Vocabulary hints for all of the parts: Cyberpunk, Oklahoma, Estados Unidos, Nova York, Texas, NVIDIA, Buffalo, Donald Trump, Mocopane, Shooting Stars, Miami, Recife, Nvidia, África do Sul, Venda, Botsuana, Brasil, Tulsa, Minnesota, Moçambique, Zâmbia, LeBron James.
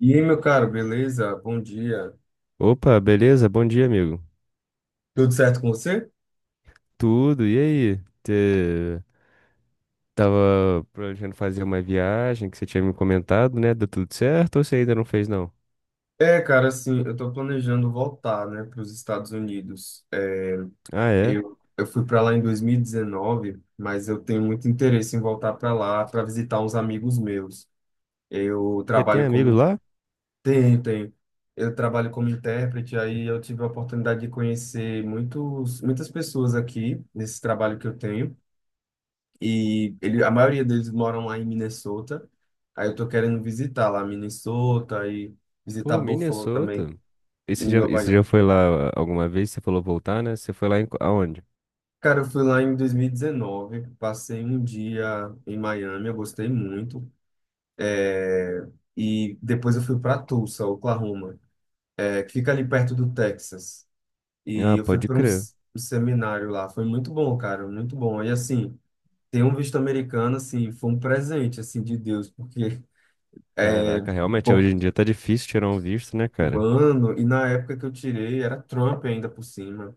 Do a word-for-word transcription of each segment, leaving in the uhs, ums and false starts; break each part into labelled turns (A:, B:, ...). A: E aí, meu caro, beleza? Bom dia.
B: Opa, beleza? Bom dia, amigo.
A: Tudo certo com você?
B: Tudo, e aí? Você tava planejando fazer uma viagem que você tinha me comentado, né? Deu tudo certo ou você ainda não fez, não?
A: É, cara, assim, eu tô planejando voltar, né, para os Estados Unidos. É,
B: Ah, é?
A: eu, eu fui para lá em dois mil e dezenove, mas eu tenho muito interesse em voltar para lá para visitar uns amigos meus. Eu
B: Você tem
A: trabalho
B: amigos
A: como
B: lá?
A: tem, tem. Eu trabalho como intérprete, aí eu tive a oportunidade de conhecer muitos, muitas pessoas aqui nesse trabalho que eu tenho. E ele, a maioria deles moram lá em Minnesota. Aí eu tô querendo visitar lá Minnesota e visitar
B: Pô,
A: Buffalo também,
B: Minnesota. E você
A: em
B: já, e
A: Nova
B: você já
A: York.
B: foi lá ah, alguma vez? Você falou voltar, né? Você foi lá em, qu- aonde?
A: Cara, eu fui lá em dois mil e dezenove, passei um dia em Miami, eu gostei muito. É, e depois eu fui para Tulsa, Oklahoma, é, que fica ali perto do Texas. E
B: Ah,
A: eu fui
B: pode
A: para um,
B: crer.
A: s- um seminário lá. Foi muito bom, cara, muito bom. E assim, ter um visto americano, assim, foi um presente, assim, de Deus, porque é,
B: Caraca, realmente,
A: pou-
B: hoje em dia tá difícil tirar um visto, né, cara?
A: mano, e na época que eu tirei, era Trump ainda por cima.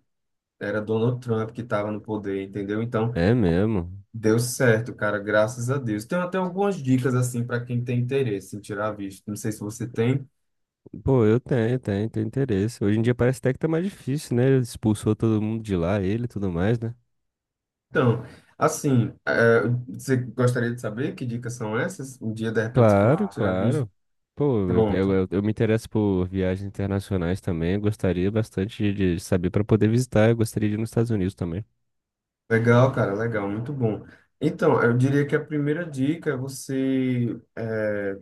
A: Era Donald Trump que estava no poder, entendeu? Então,
B: É mesmo.
A: deu certo, cara, graças a Deus. Tem até algumas dicas, assim, para quem tem interesse em tirar visto. Não sei se você tem.
B: Pô, eu tenho, tenho, tenho interesse. Hoje em dia parece até que tá mais difícil, né? Ele expulsou todo mundo de lá, ele e tudo mais, né?
A: Então, assim, é, você gostaria de saber que dicas são essas? Um dia, de repente, se
B: Claro,
A: for tirar visto?
B: claro. Pô, eu,
A: Pronto.
B: eu, eu- me interesso por viagens internacionais também. Eu gostaria bastante de de saber para poder visitar. Eu gostaria de ir nos Estados Unidos também.
A: Legal, cara, legal, muito bom. Então, eu diria que a primeira dica é você é,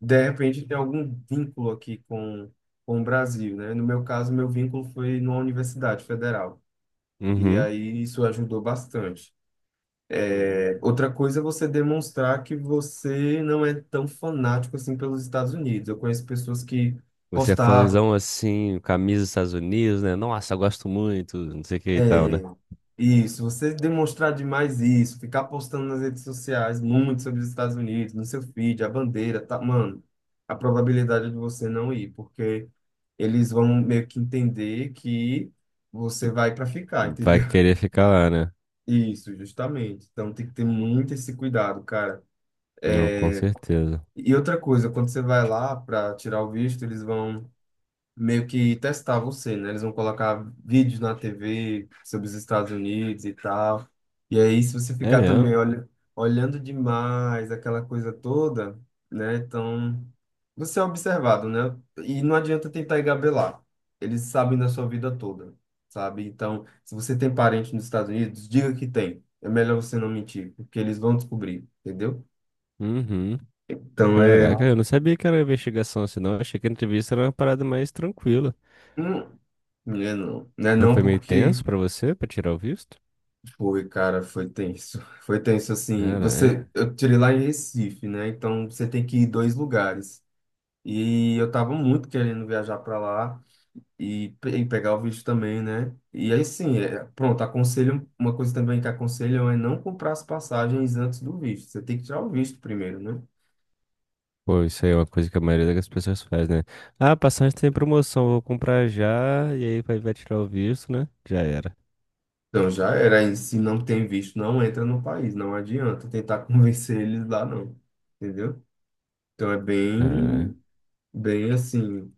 A: de repente tem algum vínculo aqui com, com o Brasil, né? No meu caso, meu vínculo foi numa universidade federal, e
B: Uhum.
A: aí isso ajudou bastante.
B: Uhum.
A: É, outra coisa é você demonstrar que você não é tão fanático assim pelos Estados Unidos. Eu conheço pessoas que
B: Você é fãzão assim, camisa dos Estados Unidos, né? Nossa, eu gosto muito, não sei o que e tal,
A: é,
B: né?
A: isso, você demonstrar demais isso, ficar postando nas redes sociais muito sobre os Estados Unidos, no seu feed, a bandeira, tá, mano, a probabilidade de você não ir, porque eles vão meio que entender que você vai para ficar, entendeu?
B: Vai querer ficar lá, né?
A: Isso, justamente. Então tem que ter muito esse cuidado, cara.
B: Não, com certeza.
A: E outra coisa, quando você vai lá para tirar o visto, eles vão meio que testar você, né? Eles vão colocar vídeos na tê vê sobre os Estados Unidos e tal. E aí, se você
B: É
A: ficar
B: mesmo?
A: também olha, olhando demais aquela coisa toda, né? Então, você é observado, né? E não adianta tentar engabelar. Eles sabem da sua vida toda, sabe? Então, se você tem parente nos Estados Unidos, diga que tem. É melhor você não mentir, porque eles vão descobrir, entendeu?
B: Uhum.
A: Então, é...
B: Caraca, eu não sabia que era investigação assim, não. Eu achei que a entrevista era uma parada mais tranquila.
A: Hum, não é não. Não é
B: Foi,
A: não
B: foi meio tenso
A: porque
B: pra você, pra tirar o visto?
A: foi, cara, foi tenso. Foi tenso assim.
B: Caralho.
A: Você, eu tirei lá em Recife, né? Então você tem que ir dois lugares. E eu tava muito querendo viajar para lá e, pe- e pegar o visto também, né? E aí sim, é, pronto, aconselho, uma coisa também que aconselham é não comprar as passagens antes do visto. Você tem que tirar o visto primeiro, né?
B: Pô, isso aí é uma coisa que a maioria das pessoas faz, né? Ah, passagem tem promoção, vou comprar já, e aí vai, vai tirar o visto, né? Já era.
A: Então já era, e se não tem visto, não entra no país, não adianta tentar convencer eles lá, não. Entendeu? Então é bem, bem assim,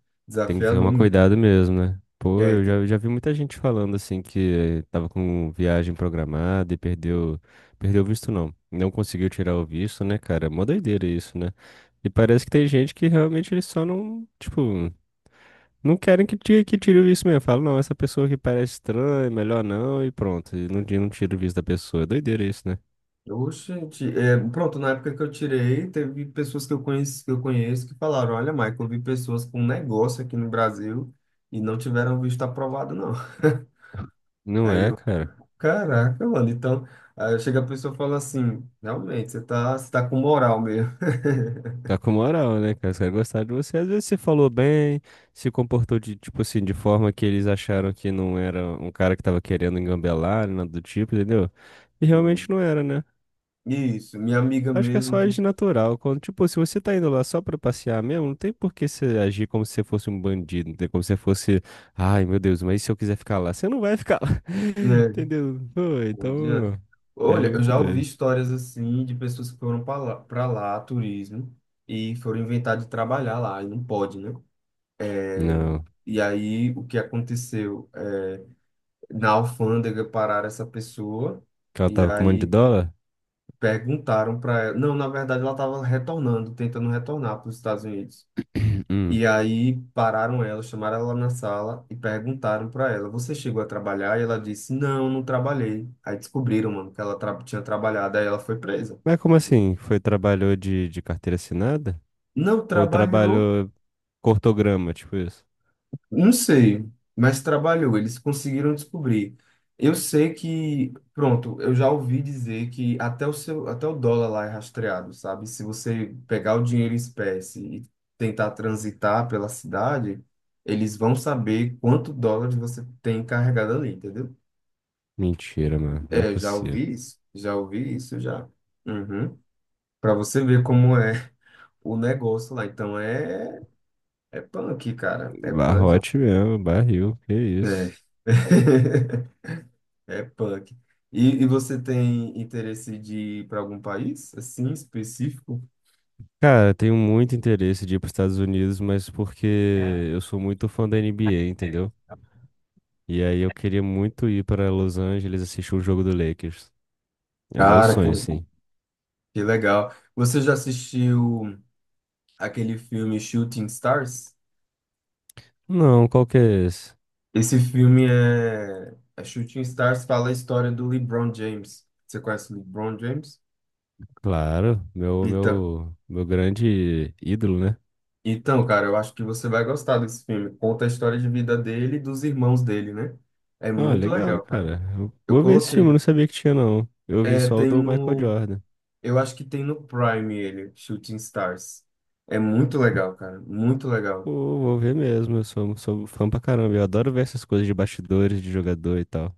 B: Tem que ter uma
A: desafiador mesmo.
B: cuidado mesmo, né? Pô,
A: É,
B: eu já, já vi muita gente falando assim que tava com viagem programada e perdeu, perdeu o visto não. Não conseguiu tirar o visto, né, cara? Mó doideira isso, né? E parece que tem gente que realmente eles só não, tipo, não querem que tire, que tire o visto mesmo. Falam, não, essa pessoa que parece estranha, melhor não, e pronto. E não, não tira o visto da pessoa. É doideira isso, né?
A: ô, gente, é, pronto, na época que eu tirei, teve pessoas que eu conheço, que eu conheço que falaram, olha, Michael, eu vi pessoas com um negócio aqui no Brasil e não tiveram visto aprovado, não.
B: Não
A: Aí
B: é,
A: eu,
B: cara.
A: caraca, mano, então, aí chega a pessoa e fala assim, realmente, você tá, você tá com moral mesmo.
B: Tá com moral, né, cara? Os caras gostaram de você. Às vezes você falou bem, se comportou de, tipo assim, de forma que eles acharam que não era um cara que tava querendo engambelar, nada do tipo, entendeu? E realmente
A: Hum.
B: não era, né?
A: Isso, minha amiga
B: Acho que é só
A: mesmo que,
B: agir natural. Quando, tipo, se você tá indo lá só pra passear mesmo, não tem por que você agir como se você fosse um bandido, não tem como se você fosse, ai, meu Deus, mas e se eu quiser ficar lá? Você não vai ficar lá,
A: né,
B: entendeu? Pô,
A: não adianta.
B: então, era
A: Olha, eu
B: muito
A: já ouvi
B: doido.
A: histórias assim de pessoas que foram para lá, para lá, turismo, e foram inventar de trabalhar lá, e não pode, né?
B: Não,
A: E aí, o que aconteceu? É, na alfândega pararam essa pessoa
B: que ela
A: e
B: tava com um monte de
A: aí
B: dólar?
A: perguntaram para ela. Não, na verdade, ela estava retornando, tentando retornar para os Estados Unidos.
B: Hum.
A: E aí pararam ela, chamaram ela na sala e perguntaram para ela: você chegou a trabalhar? E ela disse: não, não trabalhei. Aí descobriram, mano, que ela tra- tinha trabalhado. Aí ela foi presa.
B: Mas como assim? Foi trabalhou de, de carteira assinada?
A: Não
B: Ou
A: trabalhou.
B: trabalhou cortograma, tipo isso?
A: Não sei, mas trabalhou, eles conseguiram descobrir. Eu sei que, pronto, eu já ouvi dizer que até o seu, até o dólar lá é rastreado, sabe? Se você pegar o dinheiro em espécie e tentar transitar pela cidade, eles vão saber quanto dólares você tem carregado ali, entendeu?
B: Mentira, mano. Não é
A: É, já
B: possível.
A: ouvi isso, já ouvi isso já. Uhum. Para você ver como é o negócio lá. Então é é punk, cara, é punk.
B: Barrote mesmo, barril, que isso.
A: É. É punk. E, e você tem interesse de ir para algum país, assim, específico?
B: Cara, eu tenho muito interesse de ir para os Estados Unidos, mas porque eu sou muito fã da N B A, entendeu? E aí eu queria muito ir para Los Angeles assistir o jogo do Lakers. É meu
A: Cara, que,
B: sonho, assim.
A: que legal. Você já assistiu aquele filme Shooting Stars?
B: Não, qual que é esse?
A: Esse filme é, é Shooting Stars, fala a história do LeBron James. Você conhece o LeBron James?
B: Claro, meu,
A: Então,
B: meu, meu grande ídolo, né?
A: então, cara, eu acho que você vai gostar desse filme. Conta a história de vida dele e dos irmãos dele, né? É
B: Ah,
A: muito
B: legal,
A: legal, cara.
B: cara. Eu
A: Eu
B: vou ver esse filme, eu não
A: coloquei.
B: sabia que tinha, não. Eu vi
A: É,
B: só o
A: tem
B: do Michael
A: no.
B: Jordan.
A: Eu acho que tem no Prime ele, Shooting Stars. É muito legal, cara, muito
B: Pô,
A: legal.
B: vou ver mesmo, eu sou, sou fã pra caramba. Eu adoro ver essas coisas de bastidores, de jogador e tal.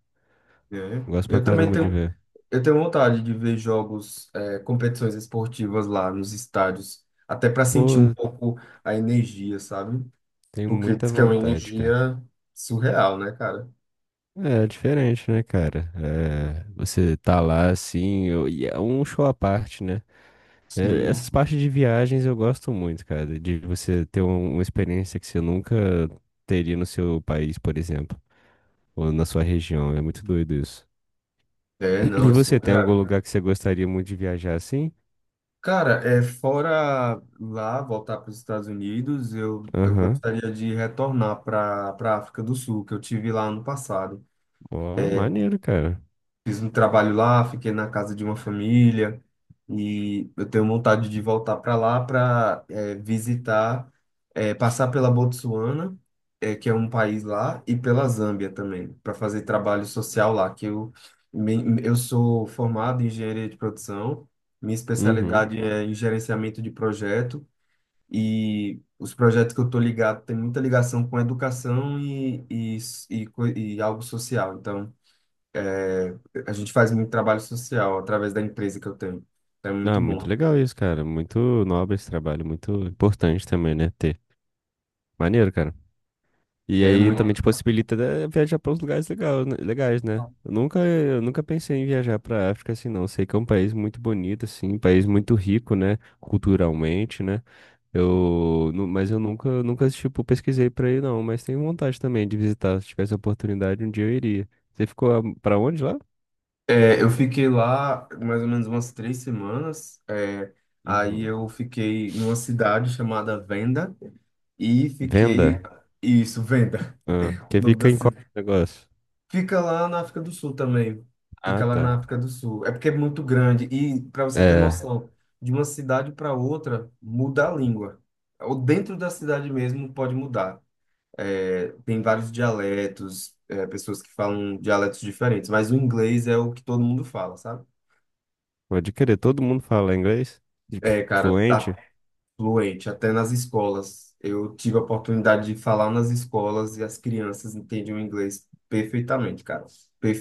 A: É.
B: Gosto pra
A: Eu também
B: caramba de
A: tenho,
B: ver.
A: eu tenho vontade de ver jogos, é, competições esportivas lá nos estádios, até para sentir um
B: Pô,
A: pouco a energia, sabe?
B: tenho
A: Porque
B: muita
A: diz que é uma
B: vontade, cara.
A: energia surreal, né, cara?
B: É, é diferente, né, cara? É, você tá lá assim, eu- e é um show à parte, né? É,
A: Sim,
B: essas
A: sim.
B: partes de viagens eu gosto muito, cara. De você ter um- uma experiência que você nunca teria no seu país, por exemplo, ou na sua região. É muito doido isso.
A: É, não,
B: E
A: é
B: você tem algum
A: surreal.
B: lugar que você gostaria muito de viajar assim?
A: Cara, é, fora lá, voltar para os Estados Unidos, eu, eu
B: Aham.
A: gostaria de retornar para para África do Sul, que eu tive lá ano passado.
B: Ó, maneiro, cara.
A: Fiz um trabalho lá, fiquei na casa de uma família e eu tenho vontade de voltar para lá para visitar, eh, passar pela Botsuana, eh, que é um país lá, e pela Zâmbia também, para fazer trabalho social lá, que eu, me- eu sou formado em engenharia de produção, minha
B: Uhum.
A: especialidade é em gerenciamento de projeto e os projetos que eu estou ligado têm muita ligação com educação e, e, e, co- e algo social, então... É, a gente faz muito trabalho social através da empresa que eu tenho. É muito
B: Ah, muito
A: bom.
B: legal isso, cara. Muito nobre esse trabalho, muito importante também, né? Ter. Maneiro, cara. E
A: É
B: aí também te
A: muito.
B: possibilita né, viajar para uns lugares legal, né- legais, né? Eu nunca, eu nunca pensei em viajar para África assim, não. Sei que é um país muito bonito, assim, um país muito rico, né? Culturalmente, né? Eu, nu- mas eu nunca, nunca, tipo, pesquisei pra ir, não. Mas tenho vontade também de visitar. Se tivesse a oportunidade, um dia eu iria. Você ficou a- pra onde lá?
A: É, eu fiquei lá mais ou menos umas três semanas. É, aí
B: Uhum.
A: eu fiquei numa cidade chamada Venda e fiquei.
B: Venda?
A: Isso, Venda,
B: Ah,
A: o
B: que
A: nome
B: fica
A: da
B: em qual
A: cidade.
B: negócio?
A: Fica lá na África do Sul também.
B: Ah,
A: Fica lá
B: tá.
A: na África do Sul. É porque é muito grande. E para você ter
B: É,
A: noção, de uma cidade para outra muda a língua. Ou dentro da cidade mesmo pode mudar. É, tem vários dialetos, é, pessoas que falam dialetos diferentes, mas o inglês é o que todo mundo fala, sabe?
B: pode querer. Todo mundo fala inglês? Tipo,
A: É, cara, tá
B: fluente?
A: fluente, até nas escolas. Eu tive a oportunidade de falar nas escolas e as crianças entendiam o inglês perfeitamente, cara.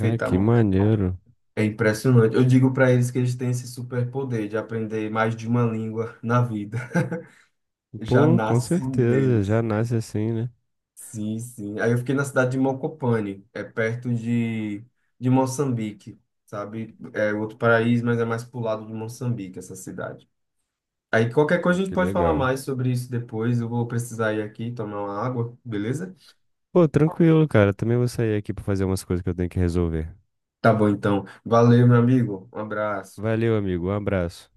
B: Ah, que maneiro.
A: É impressionante. Eu digo para eles que eles têm esse superpoder de aprender mais de uma língua na vida. Já
B: Pô, com
A: nasce
B: certeza.
A: neles.
B: Já nasce assim, né?
A: Sim, sim. Aí eu fiquei na cidade de Mocopane, é perto de, de Moçambique, sabe? É outro paraíso, mas é mais pro lado de Moçambique, essa cidade. Aí qualquer
B: Pô,
A: coisa a gente
B: que
A: pode falar
B: legal.
A: mais sobre isso depois. Eu vou precisar ir aqui tomar uma água, beleza?
B: Pô, tranquilo, cara. Também vou sair aqui pra fazer umas coisas que eu tenho que resolver.
A: Tá bom, então. Valeu, meu amigo. Um abraço.
B: Valeu, amigo. Um abraço.